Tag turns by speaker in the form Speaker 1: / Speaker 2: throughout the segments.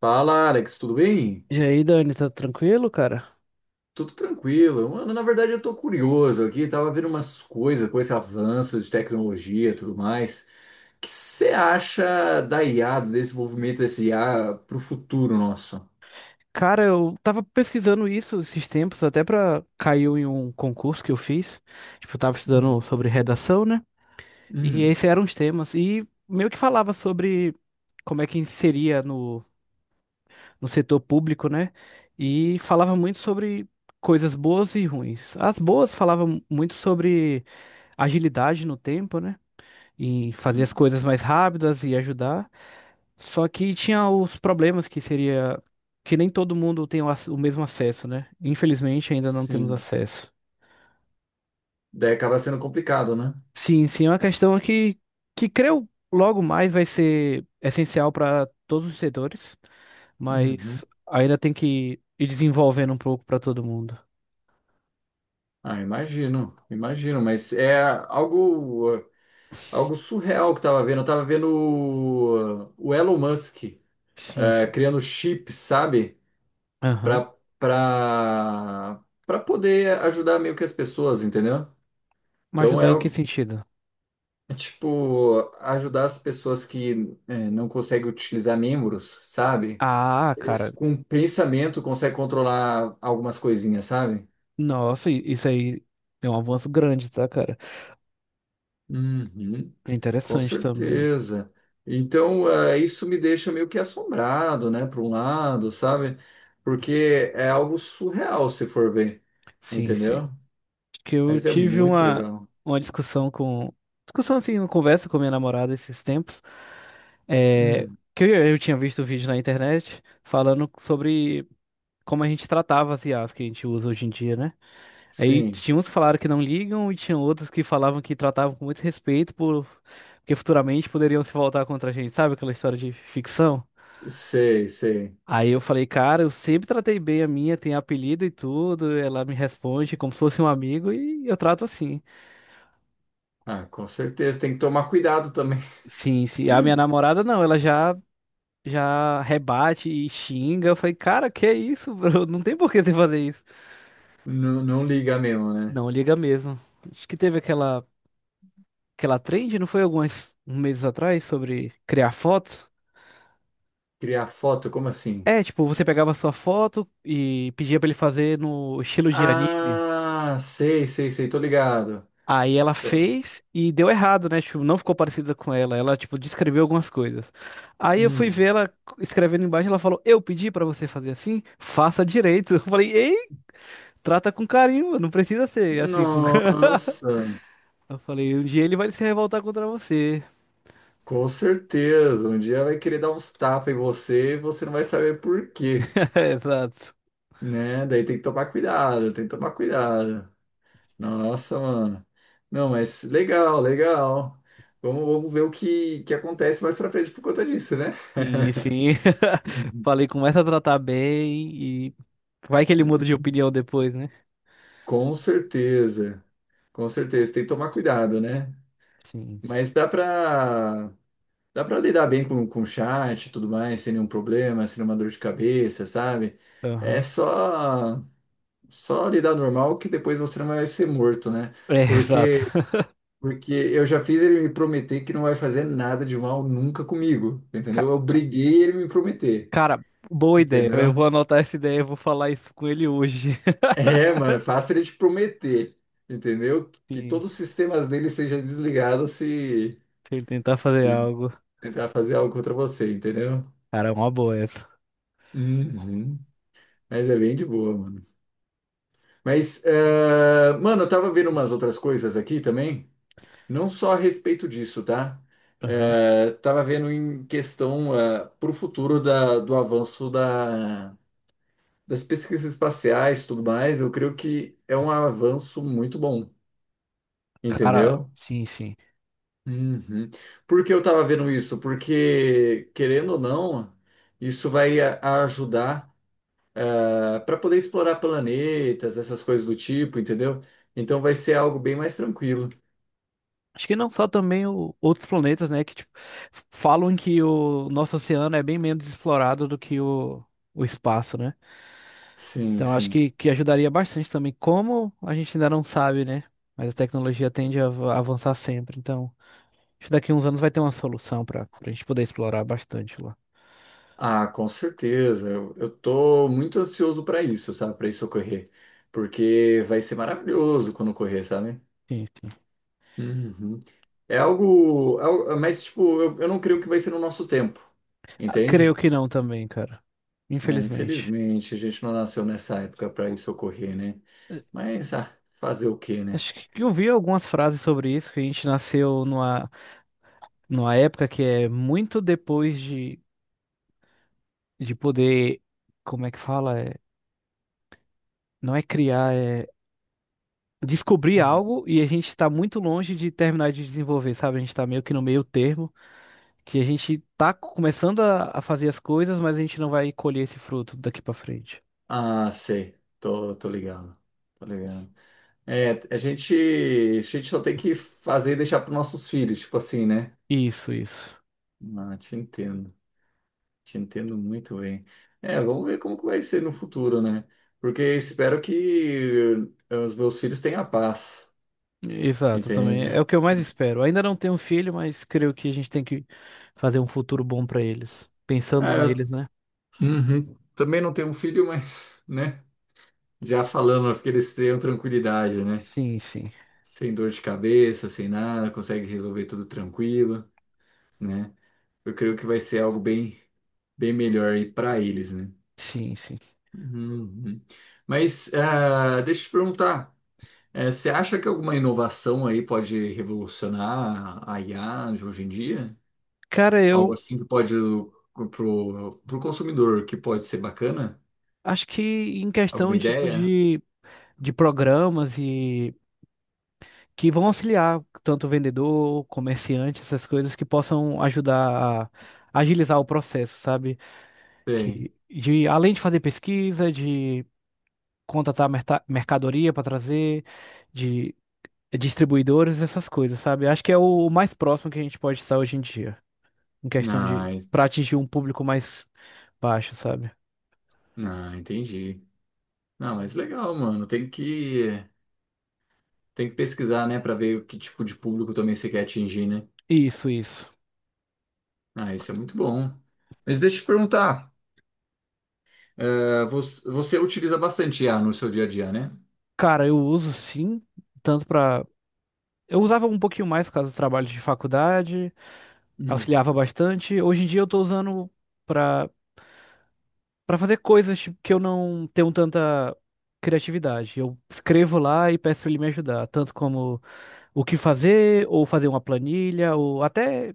Speaker 1: Fala, Alex, tudo bem?
Speaker 2: E aí, Dani, tá tranquilo, cara?
Speaker 1: Tudo tranquilo. Mano, na verdade eu tô curioso aqui, tava vendo umas coisas com esse avanço de tecnologia e tudo mais. O que você acha da IA, do desenvolvimento desse IA pro futuro nosso?
Speaker 2: Cara, eu tava pesquisando isso esses tempos, até pra caiu em um concurso que eu fiz. Tipo, eu tava
Speaker 1: Hum,
Speaker 2: estudando sobre redação, né? E
Speaker 1: hum,
Speaker 2: esses eram os temas. E meio que falava sobre como é que inseria no setor público, né? E falava muito sobre coisas boas e ruins. As boas falavam muito sobre agilidade no tempo, né? Em fazer as
Speaker 1: sim,
Speaker 2: coisas mais rápidas e ajudar. Só que tinha os problemas que seria que nem todo mundo tem o mesmo acesso, né? Infelizmente ainda não temos
Speaker 1: sim.
Speaker 2: acesso.
Speaker 1: Daí acaba sendo complicado, né?
Speaker 2: Sim, sim, é uma questão que creio logo mais vai ser essencial para todos os setores,
Speaker 1: Uhum.
Speaker 2: mas ainda tem que ir desenvolvendo um pouco para todo mundo.
Speaker 1: Ah, imagino, imagino, mas é algo, algo surreal que eu tava vendo. Eu tava vendo o Elon Musk,
Speaker 2: Sim, sim.
Speaker 1: criando chips, sabe?
Speaker 2: Aham.
Speaker 1: para para para poder ajudar meio que as pessoas, entendeu?
Speaker 2: Mas
Speaker 1: Então
Speaker 2: ajudar
Speaker 1: é,
Speaker 2: em que sentido?
Speaker 1: é tipo ajudar as pessoas que é, não conseguem utilizar membros, sabe?
Speaker 2: Ah,
Speaker 1: Eles
Speaker 2: cara,
Speaker 1: com pensamento conseguem controlar algumas coisinhas, sabe?
Speaker 2: nossa, isso aí é um avanço grande, tá, cara?
Speaker 1: Uhum,
Speaker 2: É
Speaker 1: com
Speaker 2: interessante também.
Speaker 1: certeza. Então, é, isso me deixa meio que assombrado, né, por um lado, sabe? Porque é algo surreal se for ver,
Speaker 2: Sim, sim.
Speaker 1: entendeu?
Speaker 2: Que eu
Speaker 1: Mas é
Speaker 2: tive
Speaker 1: muito
Speaker 2: uma,
Speaker 1: legal.
Speaker 2: uma discussão com. Discussão assim, uma conversa com minha namorada esses tempos. é,
Speaker 1: Hum,
Speaker 2: que eu tinha visto o vídeo na internet falando sobre como a gente tratava as IAs que a gente usa hoje em dia, né? Aí
Speaker 1: sim.
Speaker 2: tinha uns que falaram que não ligam e tinha outros que falavam que tratavam com muito respeito porque futuramente poderiam se voltar contra a gente, sabe? Aquela história de ficção.
Speaker 1: Sei, sei.
Speaker 2: Aí eu falei, cara, eu sempre tratei bem a minha, tem apelido e tudo, ela me responde como se fosse um amigo e eu trato assim.
Speaker 1: Ah, com certeza. Tem que tomar cuidado também.
Speaker 2: Sim, sim. A minha namorada não, ela já rebate e xinga. Eu falei, cara, que é isso, bro? Não tem por que você fazer isso.
Speaker 1: Não, não liga mesmo, né?
Speaker 2: Não, liga mesmo. Acho que teve aquela trend, não foi alguns meses atrás sobre criar fotos?
Speaker 1: Criar foto, como assim?
Speaker 2: É, tipo, você pegava a sua foto e pedia pra ele fazer no estilo de anime.
Speaker 1: Ah, sei, sei, sei. Tô ligado.
Speaker 2: Aí ela
Speaker 1: Tô-
Speaker 2: fez e deu errado, né? Tipo, não ficou parecida com ela. Ela, tipo, descreveu algumas coisas. Aí eu fui ver
Speaker 1: Hum.
Speaker 2: ela escrevendo embaixo, ela falou: "Eu pedi pra você fazer assim, faça direito". Eu falei: Trata com carinho, não precisa ser assim com.
Speaker 1: Nossa,
Speaker 2: Eu falei, um dia ele vai se revoltar contra você.
Speaker 1: com certeza. Um dia vai querer dar uns tapas em você e você não vai saber por quê,
Speaker 2: Exato.
Speaker 1: né? Daí tem que tomar cuidado, tem que tomar cuidado. Nossa, mano. Não, mas legal, legal. Vamos, vamos ver o que acontece mais pra frente por conta disso, né?
Speaker 2: Sim, sim. Falei, começa a tratar bem e vai que ele muda de opinião depois, né?
Speaker 1: Com certeza, com certeza. Tem que tomar cuidado, né?
Speaker 2: Sim.
Speaker 1: Mas dá para lidar bem com chat e tudo mais, sem nenhum problema, sem nenhuma dor de cabeça, sabe? É
Speaker 2: Aham.
Speaker 1: só lidar normal que depois você não vai ser morto, né?
Speaker 2: É, exato.
Speaker 1: Porque porque eu já fiz ele me prometer que não vai fazer nada de mal nunca comigo,
Speaker 2: Ca-
Speaker 1: entendeu? Eu
Speaker 2: ca-
Speaker 1: briguei ele me prometer,
Speaker 2: Cara, boa ideia. Eu
Speaker 1: entendeu?
Speaker 2: vou anotar essa ideia e vou falar isso com ele hoje.
Speaker 1: É, mano, é fácil ele te prometer, entendeu? Que
Speaker 2: Sim,
Speaker 1: todos os sistemas dele sejam desligados se,
Speaker 2: se ele tentar fazer
Speaker 1: se
Speaker 2: algo.
Speaker 1: tentar fazer algo contra você, entendeu?
Speaker 2: Cara, é uma boa essa.
Speaker 1: Uhum. Mas é bem de boa, mano. Mas, mano, eu tava vendo umas outras coisas aqui também, não só a respeito disso, tá?
Speaker 2: Aham.
Speaker 1: Tava vendo em questão, pro futuro da, do avanço da, das pesquisas espaciais e tudo mais, eu creio que é um avanço muito bom,
Speaker 2: Cara,
Speaker 1: entendeu?
Speaker 2: sim, sim.
Speaker 1: Uhum. Por que eu estava vendo isso? Porque, querendo ou não, isso vai ajudar para poder explorar planetas, essas coisas do tipo, entendeu? Então vai ser algo bem mais tranquilo.
Speaker 2: Acho que não só também outros planetas, né? Que tipo, falam que o nosso oceano é bem menos explorado do que o espaço, né?
Speaker 1: Sim,
Speaker 2: Então acho
Speaker 1: sim.
Speaker 2: que ajudaria bastante também. Como a gente ainda não sabe, né? Mas a tecnologia tende a avançar sempre. Então, acho que daqui a uns anos vai ter uma solução para a gente poder explorar bastante lá.
Speaker 1: Ah, com certeza. Eu tô muito ansioso para isso, sabe? Para isso ocorrer. Porque vai ser maravilhoso quando ocorrer, sabe?
Speaker 2: Sim, sim.
Speaker 1: Uhum. É algo, mas, tipo, eu não creio que vai ser no nosso tempo,
Speaker 2: Ah, creio
Speaker 1: entende?
Speaker 2: que não também, cara.
Speaker 1: É,
Speaker 2: Infelizmente.
Speaker 1: infelizmente, a gente não nasceu nessa época para isso ocorrer, né?
Speaker 2: Eh,
Speaker 1: Mas, ah, fazer o quê, né?
Speaker 2: Acho que eu vi algumas frases sobre isso, que a gente nasceu numa época que é muito depois de poder, como é que fala? É, não é criar, é descobrir
Speaker 1: Uhum.
Speaker 2: algo e a gente está muito longe de terminar de desenvolver, sabe? A gente está meio que no meio termo, que a gente tá começando a fazer as coisas, mas a gente não vai colher esse fruto daqui para frente.
Speaker 1: Ah, sei. Tô, tô ligado. Tô ligado. É, a gente só tem que fazer e deixar para nossos filhos, tipo assim, né?
Speaker 2: Isso, isso.
Speaker 1: Ah, te entendo. Te entendo muito bem. É, vamos ver como que vai ser no futuro, né? Porque espero que os meus filhos tenham paz,
Speaker 2: Exato, também é
Speaker 1: entende?
Speaker 2: o que eu mais
Speaker 1: Hum.
Speaker 2: espero. Ainda não tenho filho, mas creio que a gente tem que fazer um futuro bom para eles,
Speaker 1: Ah,
Speaker 2: pensando
Speaker 1: eu,
Speaker 2: neles, né?
Speaker 1: uhum. Também não tenho um filho, mas, né? Já falando, porque eles tenham tranquilidade, né?
Speaker 2: Sim, sim.
Speaker 1: Sem dor de cabeça, sem nada, consegue resolver tudo tranquilo, né? Eu creio que vai ser algo bem, bem melhor aí para eles, né?
Speaker 2: Sim, sim.
Speaker 1: Uhum. Mas ah, deixa eu te perguntar, você acha que alguma inovação aí pode revolucionar a IA de hoje em dia?
Speaker 2: Cara,
Speaker 1: Algo
Speaker 2: eu
Speaker 1: assim que pode pro, pro consumidor que pode ser bacana?
Speaker 2: acho que em
Speaker 1: Alguma
Speaker 2: questão tipo
Speaker 1: ideia?
Speaker 2: de programas e que vão auxiliar tanto o vendedor, comerciante, essas coisas que possam ajudar a agilizar o processo, sabe?
Speaker 1: Tem.
Speaker 2: Que de além de fazer pesquisa, de contratar mercadoria para trazer, de distribuidores, essas coisas, sabe? Acho que é o mais próximo que a gente pode estar hoje em dia, em questão de
Speaker 1: Ah, en-
Speaker 2: para atingir um público mais baixo, sabe?
Speaker 1: ah, entendi. Não, mas legal, mano. Tem que pesquisar, né, pra ver o que tipo de público também você quer atingir, né?
Speaker 2: Isso, isso.
Speaker 1: Ah, isso é muito bom. Mas deixa eu te perguntar, você, você utiliza bastante IA no seu dia a dia, né?
Speaker 2: Cara, eu uso sim, tanto para eu usava um pouquinho mais por causa dos trabalhos de faculdade,
Speaker 1: Hum.
Speaker 2: auxiliava bastante. Hoje em dia eu tô usando pra para fazer coisas tipo, que eu não tenho tanta criatividade. Eu escrevo lá e peço pra ele me ajudar, tanto como o que fazer, ou fazer uma planilha, ou até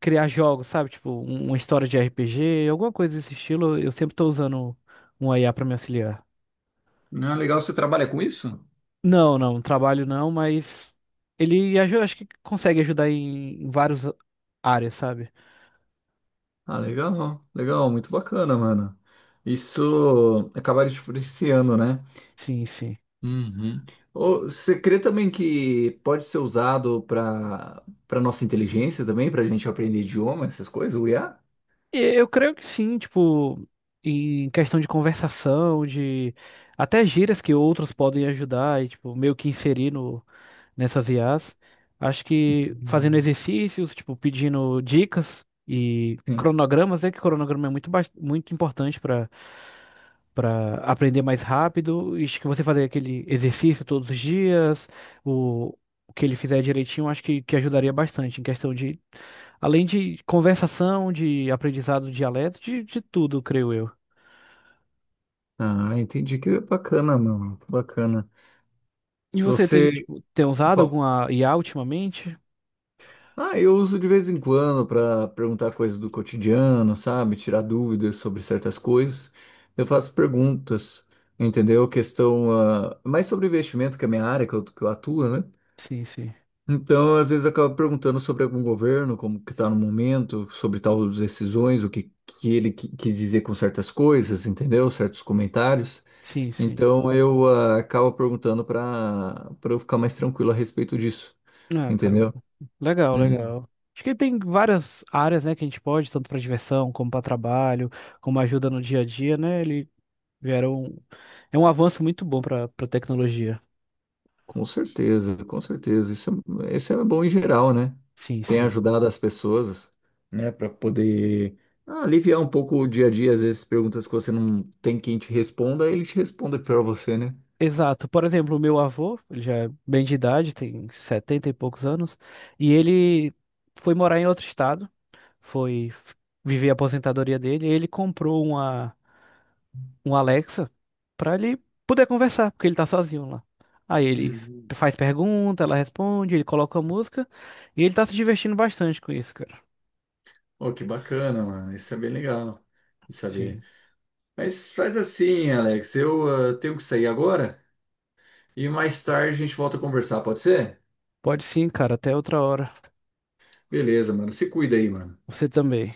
Speaker 2: criar jogos, sabe? Tipo, uma história de RPG, alguma coisa desse estilo. Eu sempre tô usando um IA pra me auxiliar.
Speaker 1: Não é legal você trabalha com isso?
Speaker 2: Não, não, trabalho não, mas ele ajuda, acho que consegue ajudar em várias áreas, sabe?
Speaker 1: Ah, legal, legal, muito bacana, mano. Isso acaba te influenciando, né?
Speaker 2: Sim, sim.
Speaker 1: Uhum. Ô, você crê também que pode ser usado para para nossa inteligência também, para a gente aprender idioma, essas coisas, o IA?
Speaker 2: Eu creio que sim, tipo, em questão de conversação, de até gírias que outros podem ajudar e, tipo, meio que inserir no, nessas IAs. Acho que fazendo exercícios, tipo, pedindo dicas e
Speaker 1: Hum.
Speaker 2: cronogramas, é que cronograma é muito, muito importante para aprender mais rápido. E acho que você fazer aquele exercício todos os dias, o, o que ele fizer direitinho, acho que ajudaria bastante em questão de, além de conversação, de aprendizado do dialeto, de tudo, creio eu.
Speaker 1: Ah, entendi. Que bacana, mano. Que bacana.
Speaker 2: E você tem,
Speaker 1: Você
Speaker 2: tipo, tem usado
Speaker 1: fala,
Speaker 2: alguma IA ultimamente?
Speaker 1: ah, eu uso de vez em quando para perguntar coisas do cotidiano, sabe? Tirar dúvidas sobre certas coisas. Eu faço perguntas, entendeu? Questão, ah, mais sobre investimento, que é a minha área, que eu atuo, né?
Speaker 2: Sim, sim.
Speaker 1: Então, às vezes, eu acabo perguntando sobre algum governo, como que está no momento, sobre tal decisões, o que, que ele quis dizer com certas coisas, entendeu? Certos comentários.
Speaker 2: Sim, sim.
Speaker 1: Então eu ah, acabo perguntando para para eu ficar mais tranquilo a respeito disso,
Speaker 2: Ah, cara,
Speaker 1: entendeu?
Speaker 2: legal,
Speaker 1: Hum.
Speaker 2: legal. Acho que tem várias áreas, né, que a gente pode, tanto para diversão, como para trabalho, como ajuda no dia a dia, né? Ele vieram. É um avanço muito bom para tecnologia.
Speaker 1: Com certeza, com certeza. Isso é bom em geral, né?
Speaker 2: Sim,
Speaker 1: Tem
Speaker 2: sim.
Speaker 1: ajudado as pessoas, né, para poder aliviar um pouco o dia a dia, às vezes perguntas que você não tem quem te responda, ele te responde para você, né?
Speaker 2: Exato. Por exemplo, o meu avô, ele já é bem de idade, tem 70 e poucos anos, e ele foi morar em outro estado, foi viver a aposentadoria dele, e ele comprou um Alexa para ele poder conversar, porque ele tá sozinho lá. Aí ele
Speaker 1: Uhum.
Speaker 2: faz pergunta, ela responde, ele coloca a música, e ele tá se divertindo bastante com isso, cara.
Speaker 1: Oh, que bacana, mano. Isso é bem legal de saber.
Speaker 2: Sim.
Speaker 1: Mas faz assim, Alex. Eu ah, tenho que sair agora e mais tarde a gente volta a conversar, pode ser?
Speaker 2: Pode sim, cara. Até outra hora.
Speaker 1: Beleza, mano. Se cuida aí, mano.
Speaker 2: Você também.